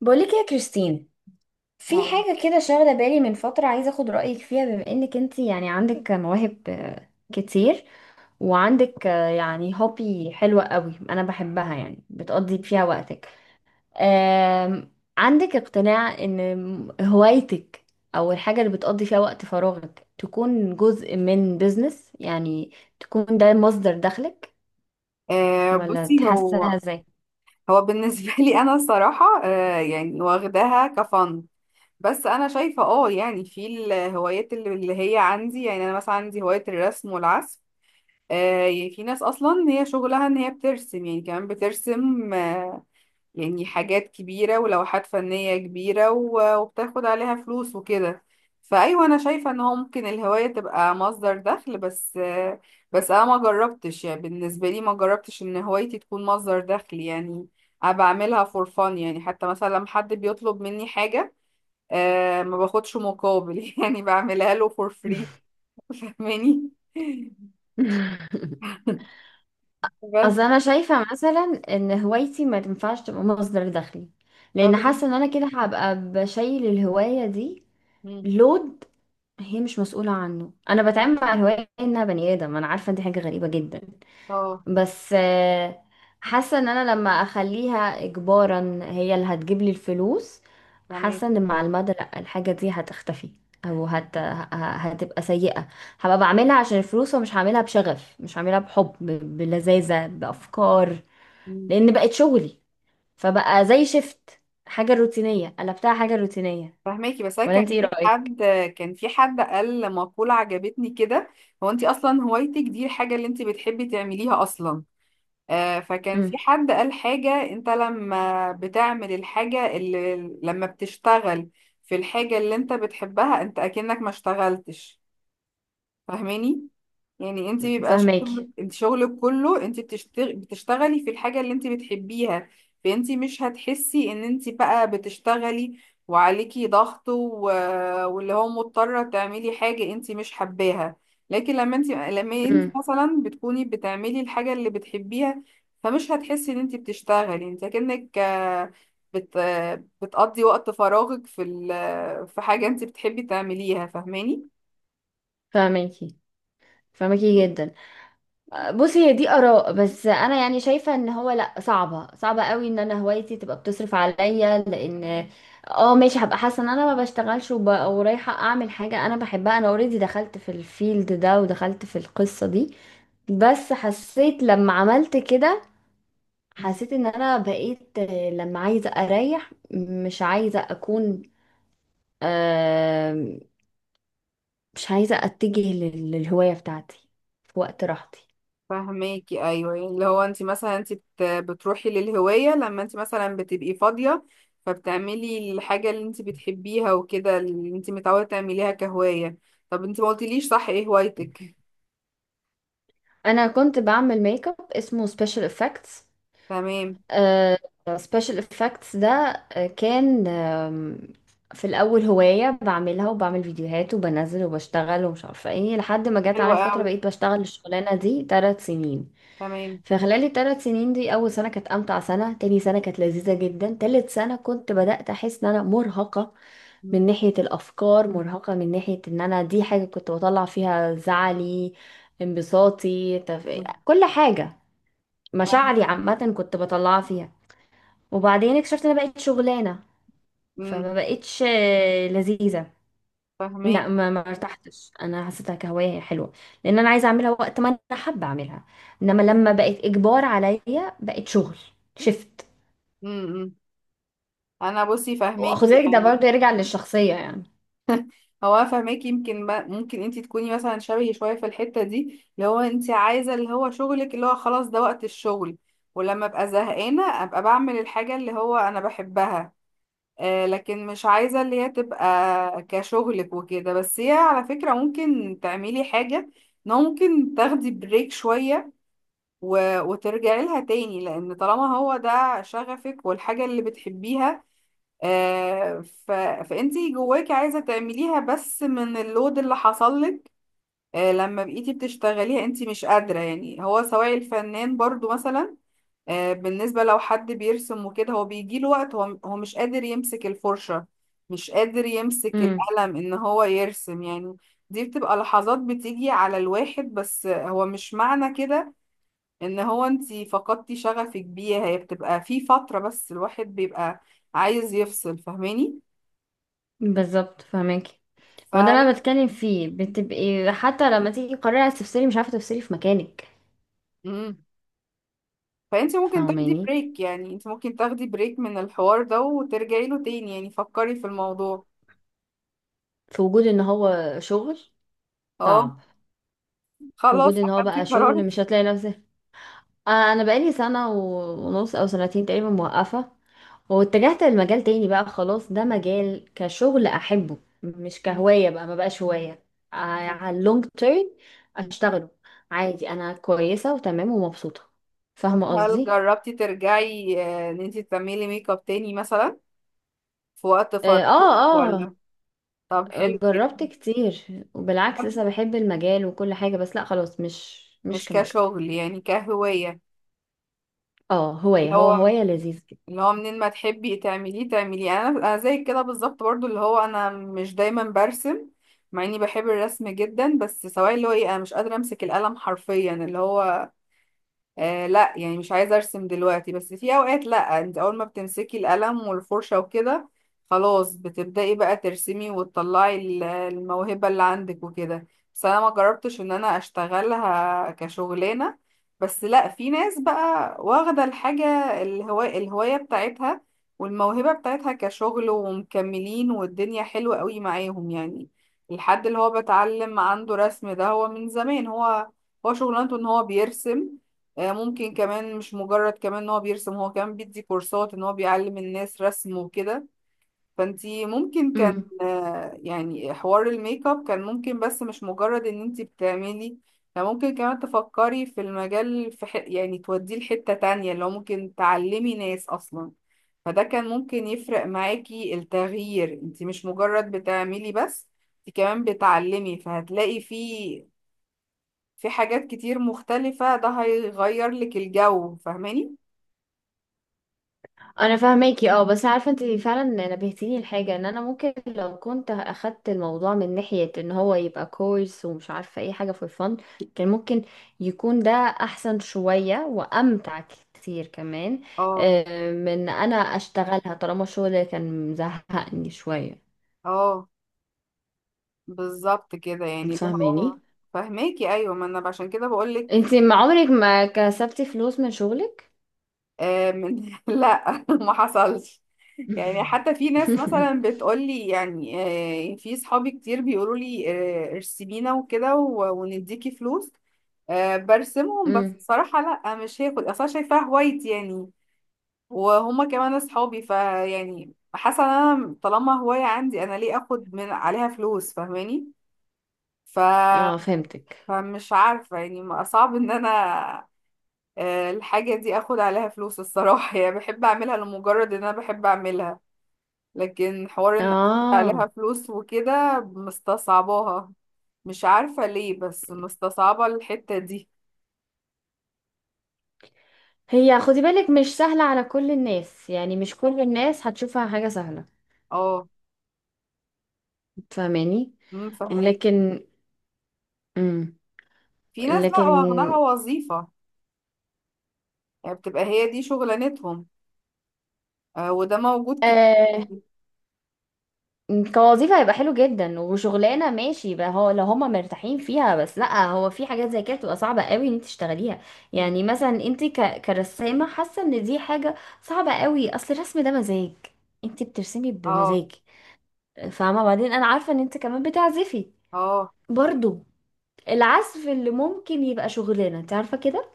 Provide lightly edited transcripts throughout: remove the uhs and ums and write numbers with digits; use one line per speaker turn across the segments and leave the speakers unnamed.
بقولك يا كريستين، في
أيوة.
حاجة كده شاغلة بالي من فترة، عايزة اخد رأيك فيها، بما انك انت يعني عندك مواهب كتير. وعندك يعني هوبي حلوة قوي، انا بحبها يعني بتقضي فيها وقتك. آم، عندك اقتناع ان هوايتك او الحاجة اللي بتقضي فيها وقت فراغك تكون جزء من بيزنس، يعني تكون ده مصدر دخلك، ولا
بصي هو
تحسها ازاي؟
هو بالنسبة لي أنا الصراحة يعني واخداها كفن. بس أنا شايفة يعني في الهوايات اللي هي عندي، يعني أنا مثلا عندي هواية الرسم والعزف. يعني في ناس أصلا هي شغلها إن هي بترسم، يعني كمان بترسم، يعني حاجات كبيرة ولوحات فنية كبيرة وبتاخد عليها فلوس وكده. فأيوة أنا شايفة إن هو ممكن الهواية تبقى مصدر دخل. بس أنا ما جربتش، يعني بالنسبة لي ما جربتش إن هوايتي تكون مصدر دخل يعني. أنا بعملها فور فان، يعني حتى مثلا لما حد بيطلب مني حاجة ما باخدش مقابل يعني بعملها له فور فري. فاهماني؟ بس
اصل انا شايفه مثلا ان هوايتي ما تنفعش تبقى مصدر دخلي،
طب
لان
إن-
حاسه ان انا كده هبقى بشيل الهوايه دي
مم.
لود. هي مش مسؤوله عنه، انا بتعامل مع الهوايه انها بني ادم. انا عارفه دي حاجه غريبه جدا،
اه
بس حاسة ان انا لما اخليها اجبارا هي اللي هتجيب لي الفلوس.
تمام.
حاسة ان مع المدى لا، الحاجة دي هتختفي او هتبقى سيئة. هبقى بعملها عشان الفلوس، ومش هعملها بشغف، مش هعملها بحب، بلذاذة، بأفكار، لان بقت شغلي. فبقى زي شفت، حاجة روتينية قلبتها حاجة روتينية.
فهماكي، بس انا
ولا
كان
انت ايه
في
رأيك؟
حد كان في حد قال مقولة عجبتني كده. هو انت اصلا هوايتك دي الحاجة اللي انت بتحبي تعمليها اصلا. آه، فكان في
امم
حد قال حاجة، انت لما بتشتغل في الحاجة اللي انت بتحبها انت اكنك ما اشتغلتش. فاهماني؟ يعني انت بيبقى
فاهماكي.
شغل، انت شغلك كله انت بتشتغلي في الحاجة اللي انت بتحبيها. فانت مش هتحسي ان انت بقى بتشتغلي وعليكي ضغط و... واللي هو مضطرة تعملي حاجة انت مش حباها. لكن لما انت
امم
مثلا بتكوني بتعملي الحاجة اللي بتحبيها، فمش هتحسي ان انت بتشتغلي، انت كأنك بت... بتقضي وقت فراغك في في حاجة انت بتحبي تعمليها. فاهماني؟
فاهماكي، فاهماكي جدا. بصي، هي دي اراء، بس انا يعني شايفه ان هو لا، صعبه صعبه قوي ان انا هوايتي تبقى بتصرف عليا، لان اه ماشي، هبقى حاسه ان انا ما بشتغلش ورايحه اعمل حاجه انا بحبها. انا اوريدي دخلت في الفيلد ده، ودخلت في القصه دي. بس حسيت لما عملت كده، حسيت ان انا بقيت لما عايزه اريح، مش عايزه اكون، آه، مش عايزه اتجه للهوايه بتاعتي في وقت راحتي.
فهماكي، ايوه، يعني اللي هو انت مثلا انت بتروحي للهوايه لما انت مثلا بتبقي فاضيه. فبتعملي الحاجه اللي انت بتحبيها وكده، اللي انت متعوده تعمليها كهوايه. طب انت ما قلتليش صح، ايه هوايتك؟
انا كنت بعمل ميك اب اسمه سبيشال افكتس.
تمام.
سبيشال افكتس ده كان، في الاول هوايه بعملها، وبعمل فيديوهات وبنزل وبشتغل ومش عارفه ايه، لحد ما جت
حلوه
عليا فتره
قوي.
بقيت بشتغل الشغلانه دي 3 سنين.
تمام.
فخلال الـ3 سنين دي، اول سنه كانت امتع سنه، تاني سنه كانت لذيذه جدا، تالت سنه كنت بدات احس ان انا مرهقه.
مم.
من ناحية الأفكار، مرهقة من ناحية إن أنا دي حاجة كنت بطلع فيها زعلي، انبساطي،
مم.
كل حاجة، مشاعري
فاهمك.
عامة كنت بطلعها فيها. وبعدين اكتشفت إن أنا بقيت شغلانة،
امم.
فما بقتش لذيذة.
فاهماكي.
لا، ما ارتحتش، انا حسيتها كهوايه حلوه، لان انا عايزه اعملها وقت ما انا حابه اعملها. انما لما بقت اجبار عليا بقت شغل، شفت؟
امم. انا بصي فاهماكي
واخد بالك ده
يعني.
برضه يرجع للشخصيه يعني.
هو أنا فاهماكي، يمكن ما ممكن انت تكوني مثلا شبهي شويه في الحته دي، اللي هو انت عايزه اللي هو شغلك اللي هو خلاص ده وقت الشغل. ولما ابقى زهقانه ابقى بعمل الحاجه اللي هو انا بحبها. آه، لكن مش عايزه اللي هي تبقى كشغلك وكده. بس هي على فكره ممكن تعملي حاجه، ان هو ممكن تاخدي بريك شويه و... وترجعي لها تاني، لان طالما هو ده شغفك والحاجه اللي بتحبيها، آه، ف... فانتي جواكي عايزه تعمليها، بس من اللود اللي حصل لك، لما بقيتي بتشتغليها انتي مش قادره. يعني هو سواء الفنان برضو مثلا، بالنسبه لو حد بيرسم وكده، هو بيجيله وقت هو مش قادر يمسك الفرشه، مش قادر يمسك
مم.
القلم ان هو يرسم يعني. دي بتبقى لحظات بتيجي على الواحد، بس هو مش معنى كده ان هو انتي فقدتي شغفك بيها. هي بتبقى في فتره، بس الواحد بيبقى عايز يفصل. فاهماني؟
بالظبط، فهماكي. ما ده اللي
فلا.
انا بتكلم فيه، بتبقي حتى لما تيجي تقرري عايز تفصلي، مش عارفه تفصلي في مكانك.
امم. فانت ممكن تاخدي
فاهماني؟
بريك، يعني انت ممكن تاخدي بريك من الحوار ده وترجعي له تاني يعني. فكري في الموضوع.
في وجود ان هو شغل
اه.
صعب. في وجود
خلاص
ان هو
اخدتي
بقى شغل مش
قرارك.
هتلاقي نفسك. انا بقالي سنه ونص او سنتين تقريبا موقفه. واتجهت لمجال تاني بقى، خلاص ده مجال كشغل احبه، مش كهوايه بقى، ما بقاش هوايه على اللونج تيرم اشتغله عادي. انا كويسه وتمام ومبسوطه.
طب
فاهمه
هل
قصدي؟
جربتي ترجعي، ان انت تعملي ميك اب تاني مثلا، في وقت
اه،
فراغك،
اه،
ولا؟ طب حلو
جربت
جدا.
كتير، وبالعكس لسه بحب المجال وكل حاجة، بس لا خلاص، مش
مش
كميك.
كشغل يعني، كهواية.
اه، هواية،
اللي
هو
هو،
هواية لذيذ كده.
اللي هو منين ما تحبي تعمليه تعمليه. انا زي كده بالظبط برضو، اللي هو انا مش دايما برسم مع اني بحب الرسم جدا. بس سواء اللي هو ايه، انا مش قادره امسك القلم حرفيا اللي هو لا، يعني مش عايزة ارسم دلوقتي. بس في اوقات لا، انت اول ما بتمسكي القلم والفرشة وكده خلاص بتبدأي بقى ترسمي وتطلعي الموهبة اللي عندك وكده. بس انا ما جربتش ان انا اشتغلها كشغلانة. بس لا، في ناس بقى واخدة الحاجة، الهواية بتاعتها والموهبة بتاعتها كشغل ومكملين، والدنيا حلوة قوي معاهم يعني. الحد اللي هو بتعلم عنده رسم ده، هو من زمان هو شغلانته ان هو بيرسم. آه، ممكن كمان مش مجرد كمان ان هو بيرسم، هو كمان بيدي كورسات ان هو بيعلم الناس رسم وكده. فانتي ممكن كان،
امم
يعني حوار الميك اب كان ممكن، بس مش مجرد ان انتي بتعملي، لا، ممكن كمان تفكري في المجال، في يعني توديه لحتة تانية، اللي هو ممكن تعلمي ناس اصلا. فده كان ممكن يفرق معاكي التغيير، انتي مش مجرد بتعملي بس، انتي كمان بتعلمي، فهتلاقي فيه، في حاجات كتير مختلفة، ده هيغير لك الجو. فاهماني؟
انا فاهماكي، اه بس عارفة انت فعلا نبهتيني لحاجة ان انا ممكن لو كنت اخدت الموضوع من ناحية ان هو يبقى كورس ومش عارفة اي حاجة في الفن، كان ممكن يكون ده احسن شوية وامتع كتير كمان،
اه.
من انا اشتغلها طالما الشغل كان مزهقني شوية.
اه. بالظبط كده يعني، اللي هو،
فاهماني؟
فاهماكي، ايوه، ما انا عشان كده بقول لك.
انتي ما عمرك ما كسبتي فلوس من شغلك؟
آه، من لا، ما حصلش. يعني حتى في ناس مثلا بتقول لي يعني، آه، في صحابي كتير بيقولوا لي، آه، ارسمينا وكده ونديكي فلوس. آه، برسمهم، بس
امم.
بصراحة لا، مش هاخد، اصلا شايفاها هوايتي يعني. وهما كمان اصحابي، فيعني حاسه ان انا طالما هوايه عندي، انا ليه اخد من عليها فلوس؟ فاهماني؟ ف...
اه، فهمتك.
فمش عارفه يعني، صعب ان انا الحاجه دي اخد عليها فلوس، الصراحه يعني بحب اعملها لمجرد ان انا بحب اعملها. لكن حوار ان اخد
اه.
عليها فلوس وكده مستصعباها. مش عارفه ليه، بس مستصعبه الحته دي.
هي، خدي بالك، مش سهلة على كل الناس، يعني مش كل الناس هتشوفها حاجة سهلة.
اه.
فاهماني؟
أمم، فاهمين.
لكن امم
في ناس لا
لكن
واخدها وظيفه، يعني بتبقى هي دي شغلانتهم. آه، وده موجود.
آه كوظيفة هيبقى حلو جدا، وشغلانة ماشي بقى هو، لو هما مرتاحين فيها. بس لا، هو في حاجات زي كده بتبقى صعبة قوي ان انت تشتغليها. يعني مثلا انت كرسامة، حاسة ان دي حاجة صعبة قوي. اصل الرسم ده مزاج، انت بترسمي
اه.
بمزاج، فاهمة؟ بعدين انا عارفة ان انت كمان بتعزفي
اه.
برضو، العزف اللي ممكن يبقى شغلانة، انت عارفة كده.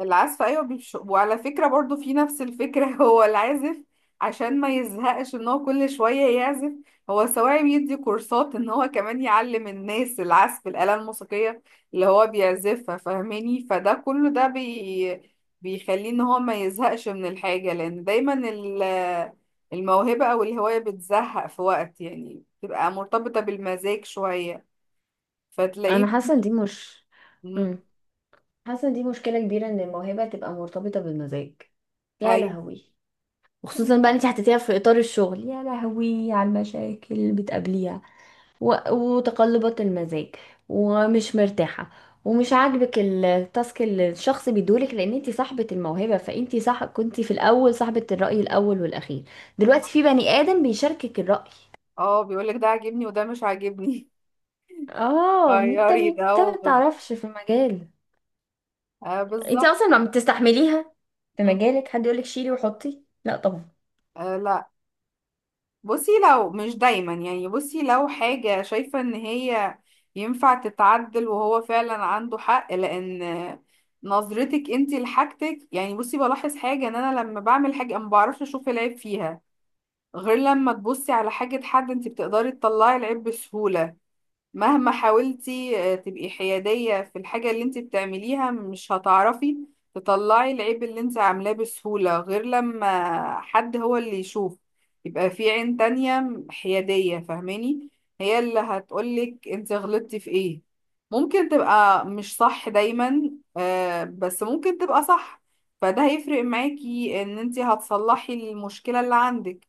العزف، ايوه، وعلى فكره برضو في نفس الفكره، هو العازف عشان ما يزهقش ان هو كل شويه يعزف، هو سواء بيدي كورسات ان هو كمان يعلم الناس العزف، الاله الموسيقيه اللي هو بيعزفها. فاهماني؟ فده كله ده بيخليه ان هو ما يزهقش من الحاجه. لان دايما الموهبه او الهوايه بتزهق في وقت، يعني بتبقى مرتبطه بالمزاج شويه
انا
فتلاقيه.
حاسة ان دي مش
مم.
مم. حاسة ان دي مشكلة كبيرة، ان الموهبة تبقى مرتبطة بالمزاج، يا
ايوه.
لهوي. وخصوصا بقى انت حطيتيها في اطار الشغل، يا لهوي على المشاكل اللي بتقابليها وتقلبات المزاج، ومش مرتاحه، ومش عاجبك التاسك اللي الشخص بيدولك، لان انت صاحبه الموهبه، فانت صح كنت في الاول صاحبه الراي الاول والاخير. دلوقتي في بني ادم بيشاركك الراي.
اه، بيقولك ده عاجبني وده مش عاجبني.
اه، انت
غيري ده
انت
و...
ما تعرفش في المجال.
آه
انت
بالظبط.
اصلا ما بتستحمليها في
مم.
مجالك حد يقولك شيلي وحطي، لا طبعا.
آه لا. بصي لو مش دايما يعني، بصي لو حاجة شايفة ان هي ينفع تتعدل وهو فعلا عنده حق، لان نظرتك انتي لحاجتك يعني، بصي بلاحظ حاجة ان انا لما بعمل حاجة ما بعرفش اشوف العيب فيها، غير لما تبصي على حاجة حد انتي بتقدري تطلعي العيب بسهولة. مهما حاولتي تبقي حيادية في الحاجة اللي انت بتعمليها، مش هتعرفي تطلعي العيب اللي انت عاملاه بسهولة غير لما حد هو اللي يشوف. يبقى في عين تانية حيادية. فاهماني؟ هي اللي هتقولك انت غلطتي في ايه. ممكن تبقى مش صح دايما، بس ممكن تبقى صح. فده هيفرق معاكي ان انت هتصلحي المشكلة اللي عندك.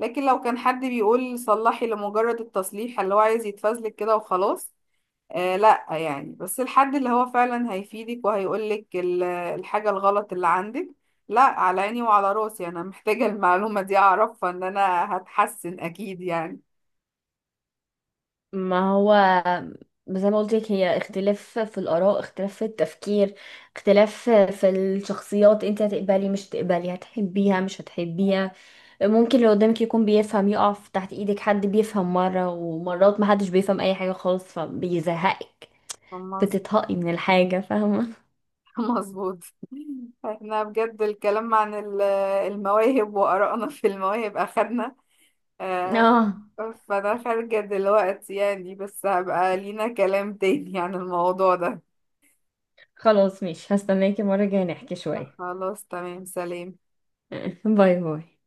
لكن لو كان حد بيقول صلحي لمجرد التصليح، اللي هو عايز يتفزلك كده وخلاص، لا يعني. بس الحد اللي هو فعلا هيفيدك وهيقولك الحاجة الغلط اللي عندك، لا على عيني وعلى راسي، انا محتاجة المعلومة دي اعرفها، ان انا هتحسن اكيد يعني.
ما هو زي ما قلت لك، هي اختلاف في الآراء، اختلاف في التفكير، اختلاف في الشخصيات. انت هتقبلي، مش هتقبلي، هتحبيها، مش هتحبيها. ممكن اللي قدامك يكون بيفهم، يقف تحت ايدك، حد بيفهم مرة، ومرات محدش بيفهم اي حاجة خالص فبيزهقك،
مظ-
بتتهقي من الحاجة، فاهمة؟
مظبوط. احنا بجد الكلام عن المواهب وآرائنا في المواهب اخدنا، آه.
اه،
فانا خارجة دلوقتي يعني، بس هبقى لينا كلام تاني عن الموضوع ده.
خلاص ماشي، هستناكي المرة الجاية نحكي شوية.
خلاص تمام، سلام.
باي باي.